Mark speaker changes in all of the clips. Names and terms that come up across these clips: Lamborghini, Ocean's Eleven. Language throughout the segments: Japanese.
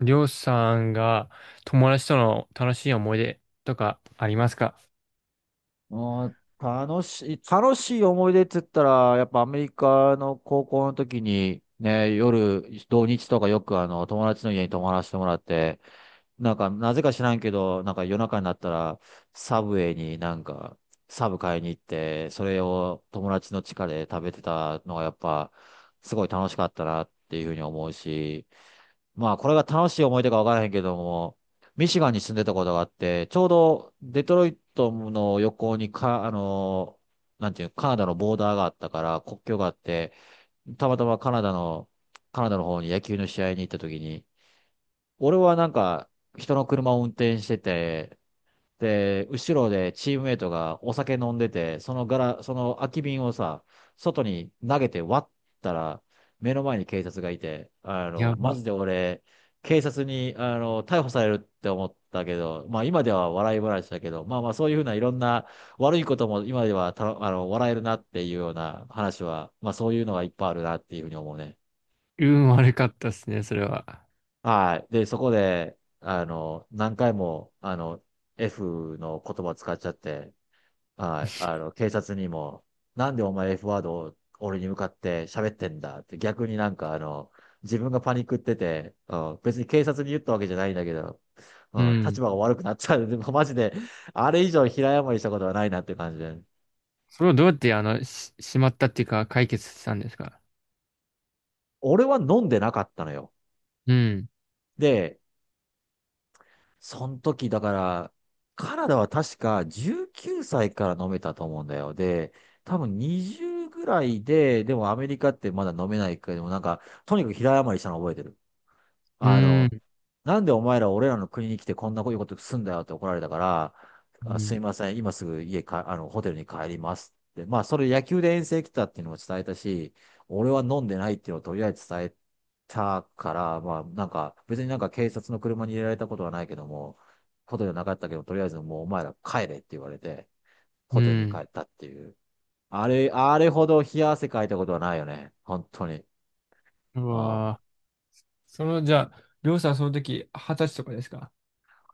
Speaker 1: りょうさんが友達との楽しい思い出とかありますか？
Speaker 2: うん、楽しい思い出って言ったら、やっぱアメリカの高校の時に、ね、夜、土日とかよく友達の家に泊まらせてもらって、なんか、なぜか知らんけど、なんか夜中になったら、サブウェイになんか、サブ買いに行って、それを友達の地下で食べてたのがやっぱ、すごい楽しかったなっていうふうに思うし、まあ、これが楽しい思い出かわからへんけども、ミシガンに住んでたことがあって、ちょうどデトロイトの横にか、なんていう、カナダのボーダーがあったから、国境があって、たまたまカナダの方に野球の試合に行った時に、俺はなんか、人の車を運転してて、で、後ろでチームメイトがお酒飲んでて、そのガラ、その空き瓶をさ、外に投げて割ったら、目の前に警察がいて、
Speaker 1: や
Speaker 2: マ
Speaker 1: ば。
Speaker 2: ジで俺、警察に、逮捕されるって思ったけど、まあ今では笑い話だけど、まあまあそういうふうないろんな悪いことも今ではた、あの、笑えるなっていうような話は、まあそういうのがいっぱいあるなっていうふうに思うね。
Speaker 1: 運悪かったですね、それは。
Speaker 2: はい。で、そこで、何回も、F の言葉使っちゃって、はい、警察にも、なんでお前 F ワードを俺に向かって喋ってんだって、逆になんか自分がパニックってて、うん、別に警察に言ったわけじゃないんだけど、う
Speaker 1: う
Speaker 2: ん、
Speaker 1: ん。
Speaker 2: 立場が悪くなっちゃう。でも マジで、あれ以上平謝りしたことはないなって感じで。
Speaker 1: それをどうやってしまったっていうか解決したんですか？
Speaker 2: 俺は飲んでなかったのよ。
Speaker 1: うん。
Speaker 2: で、その時だから、カナダは確か19歳から飲めたと思うんだよ。で、多分20ぐらいで、でもアメリカってまだ飲めないけど、なんか、とにかく平謝りしたの覚えてる。
Speaker 1: う
Speaker 2: あの、
Speaker 1: ん。
Speaker 2: なんでお前ら俺らの国に来てこんなこういうことすんだよって怒られたから、
Speaker 1: う
Speaker 2: あ、す
Speaker 1: ん。
Speaker 2: いません、今すぐ家か、ホテルに帰りますって。まあ、それ野球で遠征来たっていうのも伝えたし、俺は飲んでないっていうのをとりあえず伝えたから、まあ、なんか、別になんか警察の車に入れられたことはないけども、ことじゃなかったけど、とりあえずもうお前ら帰れって言われて、ホ
Speaker 1: う
Speaker 2: テルに帰
Speaker 1: ん。
Speaker 2: ったっていう。あれ、あれほど冷や汗かいたことはないよね。本当に。
Speaker 1: う
Speaker 2: うん、
Speaker 1: わぁ。その、じゃあ、りょうさん、その時、二十歳とかですか？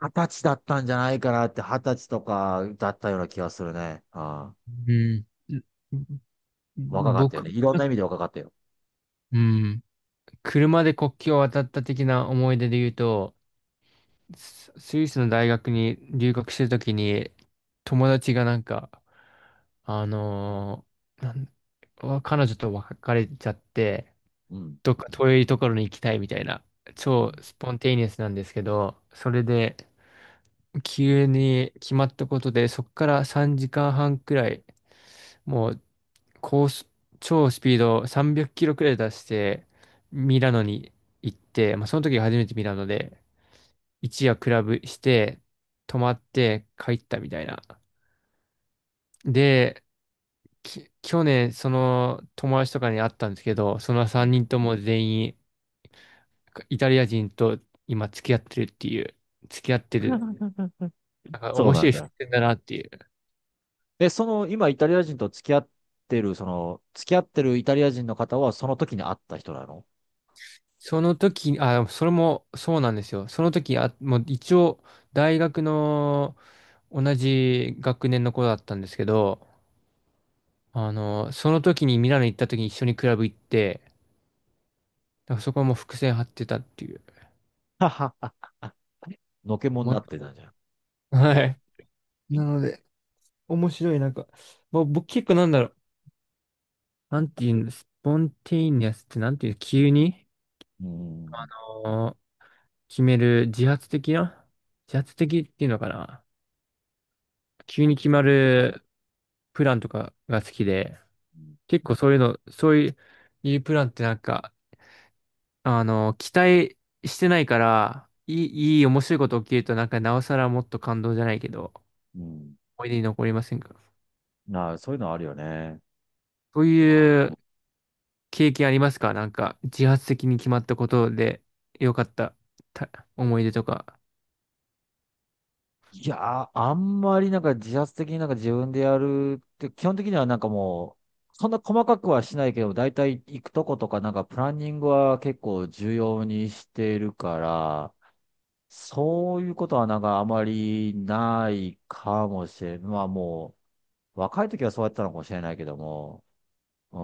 Speaker 2: 二十歳だったんじゃないかなって、二十歳とかだったような気がするね。あ
Speaker 1: うん。ん、
Speaker 2: あ、若かったよ
Speaker 1: 僕、
Speaker 2: ね。いろんな意味で若かったよ。
Speaker 1: うん、車で国境を渡った的な思い出で言うと、スイスの大学に留学してるときに、友達がなんか、あのーなんわ彼女と別れちゃって、
Speaker 2: うん。
Speaker 1: どっか遠いところに行きたいみたいな、
Speaker 2: う
Speaker 1: 超
Speaker 2: ん。
Speaker 1: スポンテイニアスなんですけど、それで、急に決まったことで、そこから3時間半くらい、もう、高速、超スピード300キロくらい出して、ミラノに行って、まあ、その時が初めてミラノで、一夜クラブして、泊まって帰ったみたいな。で、去年、その友達とかに会ったんですけど、その
Speaker 2: うん。
Speaker 1: 3人とも全員、イタリア人と今付き合ってるっていう、付き合ってる、なんか
Speaker 2: そう
Speaker 1: 面
Speaker 2: な
Speaker 1: 白
Speaker 2: ん
Speaker 1: い
Speaker 2: だ。
Speaker 1: 伏線だなっていう。
Speaker 2: え、その、今、イタリア人と付き合ってる、その、付き合ってるイタリア人の方は、その時に会った人なの？
Speaker 1: その時、あ、それもそうなんですよ。その時、あ、もう一応、大学の同じ学年の子だったんですけど、あの、その時にミラノ行った時に一緒にクラブ行って、だからそこはもう伏線張ってたっていう。
Speaker 2: はははは のけもんになって
Speaker 1: も
Speaker 2: たんじゃん。
Speaker 1: はい。なので、面白い、なんか、まあ、僕結構なんだろう。なんていうんです、スポンテイニアスってなんていう、急に、
Speaker 2: う
Speaker 1: あ
Speaker 2: ん。
Speaker 1: の決める自発的な、自発的っていうのかな。急に決まるプランとかが好きで、結構そういうの、そういうプランってなんか、あの、期待してないから、いい面白いこと起きるとなんかなおさらもっと感動じゃないけど、
Speaker 2: うん。
Speaker 1: 思い出に残りませんか？
Speaker 2: なあ、そういうのあるよね。
Speaker 1: そう
Speaker 2: あ
Speaker 1: い
Speaker 2: あ、
Speaker 1: う経験ありますか？なんか、自発的に決まったことで良かったた思い出とか。
Speaker 2: いやー、あんまりなんか自発的になんか自分でやるって、基本的にはなんかもう、そんな細かくはしないけど、だいたい行くとことかなんかプランニングは結構重要にしてるから、そういうことはなんかあまりないかもしれん。まあもう、若い時はそうやってたのかもしれないけども、う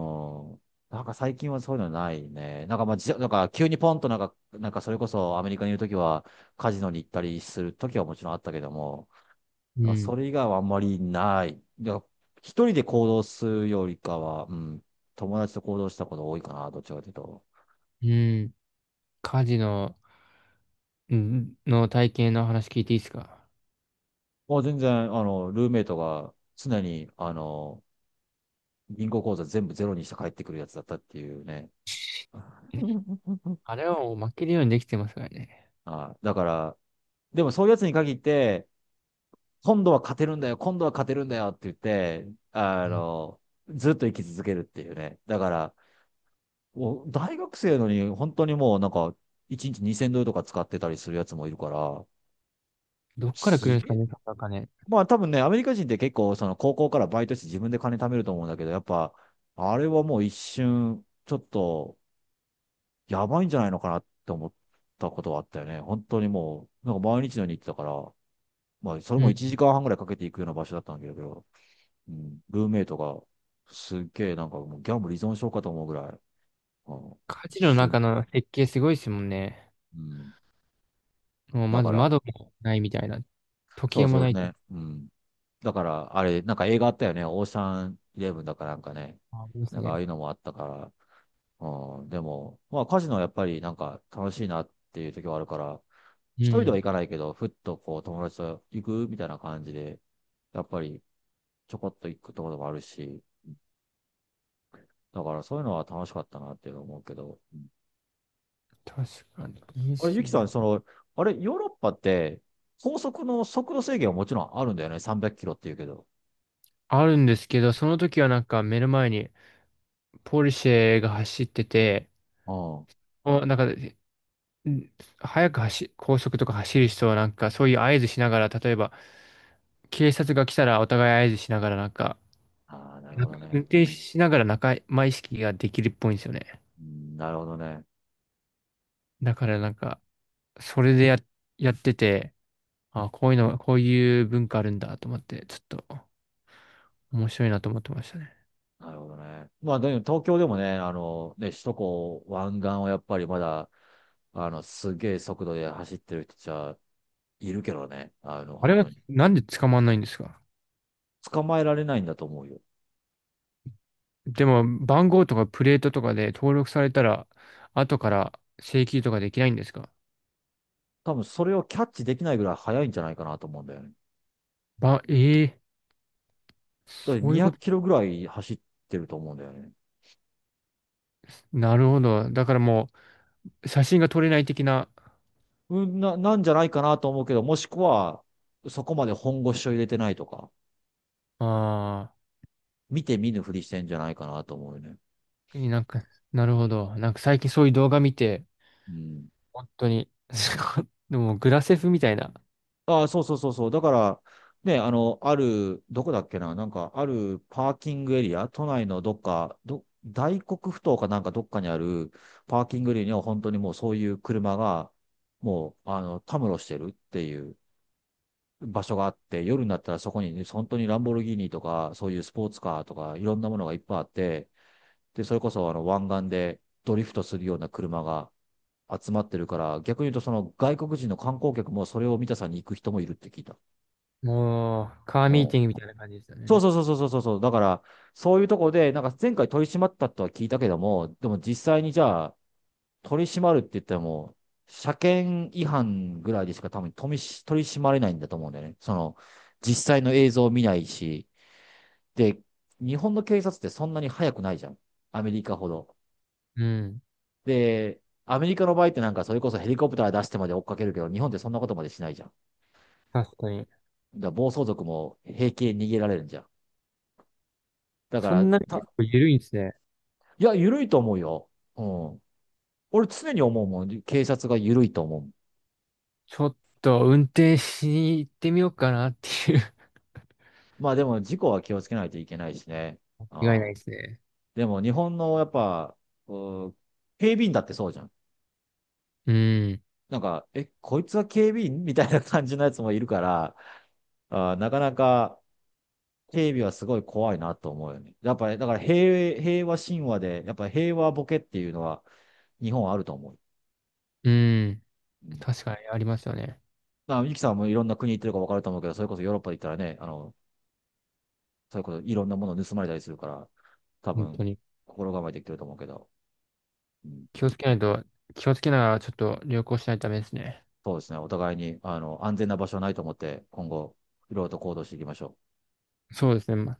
Speaker 2: ん。なんか最近はそういうのないね。なんかまあ、じ、なんか急にポンとなんか、なんかそれこそアメリカにいる時はカジノに行ったりする時はもちろんあったけども、
Speaker 1: う
Speaker 2: だからそ
Speaker 1: ん。
Speaker 2: れ以外はあんまりない。だから一人で行動するよりかは、うん、友達と行動したことが多いかな、どっちかというと。
Speaker 1: うん。家事の、んの体験の話聞いていいですか？
Speaker 2: もう全然、ルーメイトが常に、銀行口座全部ゼロにして帰ってくるやつだったっていうね。
Speaker 1: あれはもう負けるようにできてますからね。
Speaker 2: あ、だから、でもそういうやつに限って、今度は勝てるんだよ、今度は勝てるんだよって言って、あ
Speaker 1: うん。
Speaker 2: の、ずっと生き続けるっていうね。だから、もう大学生のに、本当にもうなんか、1日2000ドルとか使ってたりするやつもいるから、
Speaker 1: どっから来る
Speaker 2: す
Speaker 1: んですか
Speaker 2: げえ。
Speaker 1: ね、その金。
Speaker 2: まあ多分ね、アメリカ人って結構その高校からバイトして自分で金貯めると思うんだけど、やっぱ、あれはもう一瞬、ちょっと、やばいんじゃないのかなって思ったことはあったよね。本当にもう、なんか毎日のように行ってたから、まあそれ
Speaker 1: う
Speaker 2: も1
Speaker 1: ん。
Speaker 2: 時間半ぐらいかけていくような場所だったんだけど、うん、ルーメイトが、すっげえなんかもうギャンブル依存症かと思うぐらい、うん、
Speaker 1: 家事の
Speaker 2: う
Speaker 1: 中の設計すごいですもんね。
Speaker 2: ん、
Speaker 1: もう
Speaker 2: だ
Speaker 1: まず
Speaker 2: から、
Speaker 1: 窓もないみたいな。時
Speaker 2: そ
Speaker 1: 計
Speaker 2: う
Speaker 1: も
Speaker 2: そ
Speaker 1: な
Speaker 2: う
Speaker 1: いって。
Speaker 2: ね。うん。だから、あれ、なんか映画あったよね。オーシャンイレブンだかなんかね。
Speaker 1: あります
Speaker 2: なんかあ
Speaker 1: ね。
Speaker 2: あいうのもあったから。うん。でも、まあカジノはやっぱりなんか楽しいなっていう時はあるから、
Speaker 1: う
Speaker 2: 一人では
Speaker 1: ん。
Speaker 2: 行かないけど、ふっとこう友達と行くみたいな感じで、やっぱりちょこっと行くところもあるし、だからそういうのは楽しかったなっていうのを思うけど。
Speaker 1: 確かに。いいっ
Speaker 2: あれ、ゆ
Speaker 1: すよ
Speaker 2: きさん、
Speaker 1: ね。
Speaker 2: その、あれ、ヨーロッパって高速の速度制限はもちろんあるんだよね？300キロって言うけど。
Speaker 1: あるんですけど、その時はなんか目の前にポルシェが走ってて、
Speaker 2: うん。
Speaker 1: お、なんか、ん、早く走、高速とか走る人はなんか、そういう合図しながら、例えば、警察が来たらお互い合図しながらなんか、
Speaker 2: ああ、なる
Speaker 1: な
Speaker 2: ほ
Speaker 1: ん
Speaker 2: ど
Speaker 1: か運
Speaker 2: ね。
Speaker 1: 転しながら仲間意識ができるっぽいんですよね。
Speaker 2: うん、なるほどね。
Speaker 1: だからなんか、それでや、やってて、あ、こういうの、こういう文化あるんだと思って、ちょっと面白いなと思ってましたね。
Speaker 2: なるほどね。まあ、でも東京でもね、ね、首都高湾岸はやっぱりまだ、すげえ速度で走ってる人じゃ、いるけどね、
Speaker 1: あ
Speaker 2: 本
Speaker 1: れは
Speaker 2: 当に。
Speaker 1: なんで捕まんないんですか？
Speaker 2: 捕まえられないんだと思うよ。
Speaker 1: でも、番号とかプレートとかで登録されたら、後から請求とかできないんですか？
Speaker 2: 多分それをキャッチできないぐらい速いんじゃないかなと思うんだよね。
Speaker 1: ば、ええ
Speaker 2: だって
Speaker 1: そうい
Speaker 2: 200
Speaker 1: うこ
Speaker 2: キ
Speaker 1: と、
Speaker 2: ロぐらい走ってると思うんだよね。
Speaker 1: なるほど。だからもう、写真が撮れない的な、
Speaker 2: うん、な、なんじゃないかなと思うけど、もしくは、そこまで本腰を入れてないとか、
Speaker 1: あ
Speaker 2: 見て見ぬふりしてんじゃないかなと思うよね。
Speaker 1: あ、なんか、なるほど。なんか最近そういう動画見て、
Speaker 2: うん。
Speaker 1: 本当に、でもグラセフみたいな、
Speaker 2: ああ、そうそうそうそう。だから、ね、ある、どこだっけな、なんか、あるパーキングエリア、都内のどっか、ど、大黒ふ頭かなんかどっかにあるパーキングエリアには本当にもうそういう車が、もう、たむろしてるっていう場所があって、夜になったらそこに、ね、本当にランボルギーニとか、そういうスポーツカーとか、いろんなものがいっぱいあって、で、それこそ湾岸でドリフトするような車が集まってるから、逆に言うとその外国人の観光客もそれを見たさに行く人もいるって聞いた。
Speaker 1: もう、カー
Speaker 2: う
Speaker 1: ミー
Speaker 2: ん、
Speaker 1: ティングみたいな感じでした
Speaker 2: そう
Speaker 1: ね。
Speaker 2: そうそうそうそうそう。だから、そういうとこで、なんか前回取り締まったとは聞いたけども、でも実際にじゃあ、取り締まるって言っても、車検違反ぐらいでしか多分取り締まれないんだと思うんだよね。その、実際の映像を見ないし、で、日本の警察ってそんなに速くないじゃん。アメリカほど。
Speaker 1: うん、
Speaker 2: で、アメリカの場合ってなんかそれこそヘリコプター出してまで追っかけるけど、日本ってそんなことまでしないじゃん。
Speaker 1: 確かに。
Speaker 2: だから暴走族も平気で逃げられるんじゃん。だか
Speaker 1: そ
Speaker 2: ら、
Speaker 1: んなに結
Speaker 2: た、
Speaker 1: 構緩いんですね。
Speaker 2: いや、緩いと思うよ。うん。俺常に思うもん。警察が緩いと思う。
Speaker 1: ちょっと運転しに行ってみようかなっていう。
Speaker 2: まあでも事故は気をつけないといけないしね。
Speaker 1: 違い
Speaker 2: あ
Speaker 1: ない
Speaker 2: あ、
Speaker 1: ですね。
Speaker 2: でも日本のやっぱ、うー警備員だってそうじゃん。
Speaker 1: うん、
Speaker 2: なんか、え、こいつは警備員みたいな感じのやつもいるから、ああ、なかなか警備はすごい怖いなと思うよね。やっぱり、だから平和神話で、やっぱ平和ボケっていうのは日本はあると思う。
Speaker 1: うん、
Speaker 2: うん、
Speaker 1: 確かにありますよね。
Speaker 2: まあ、ゆきさんもいろんな国行ってるか分かると思うけど、それこそヨーロッパで行ったらね、そういうこと、いろんなもの盗まれたりするから、多
Speaker 1: 本
Speaker 2: 分、
Speaker 1: 当に。
Speaker 2: 心構えてきてると思うけど、うん、
Speaker 1: 気をつけないと、気をつけながらちょっと旅行しないとダメですね。
Speaker 2: そうですね。お互いに、安全な場所はないと思って、今後、いろいろと行動していきましょう。
Speaker 1: そうですね。ま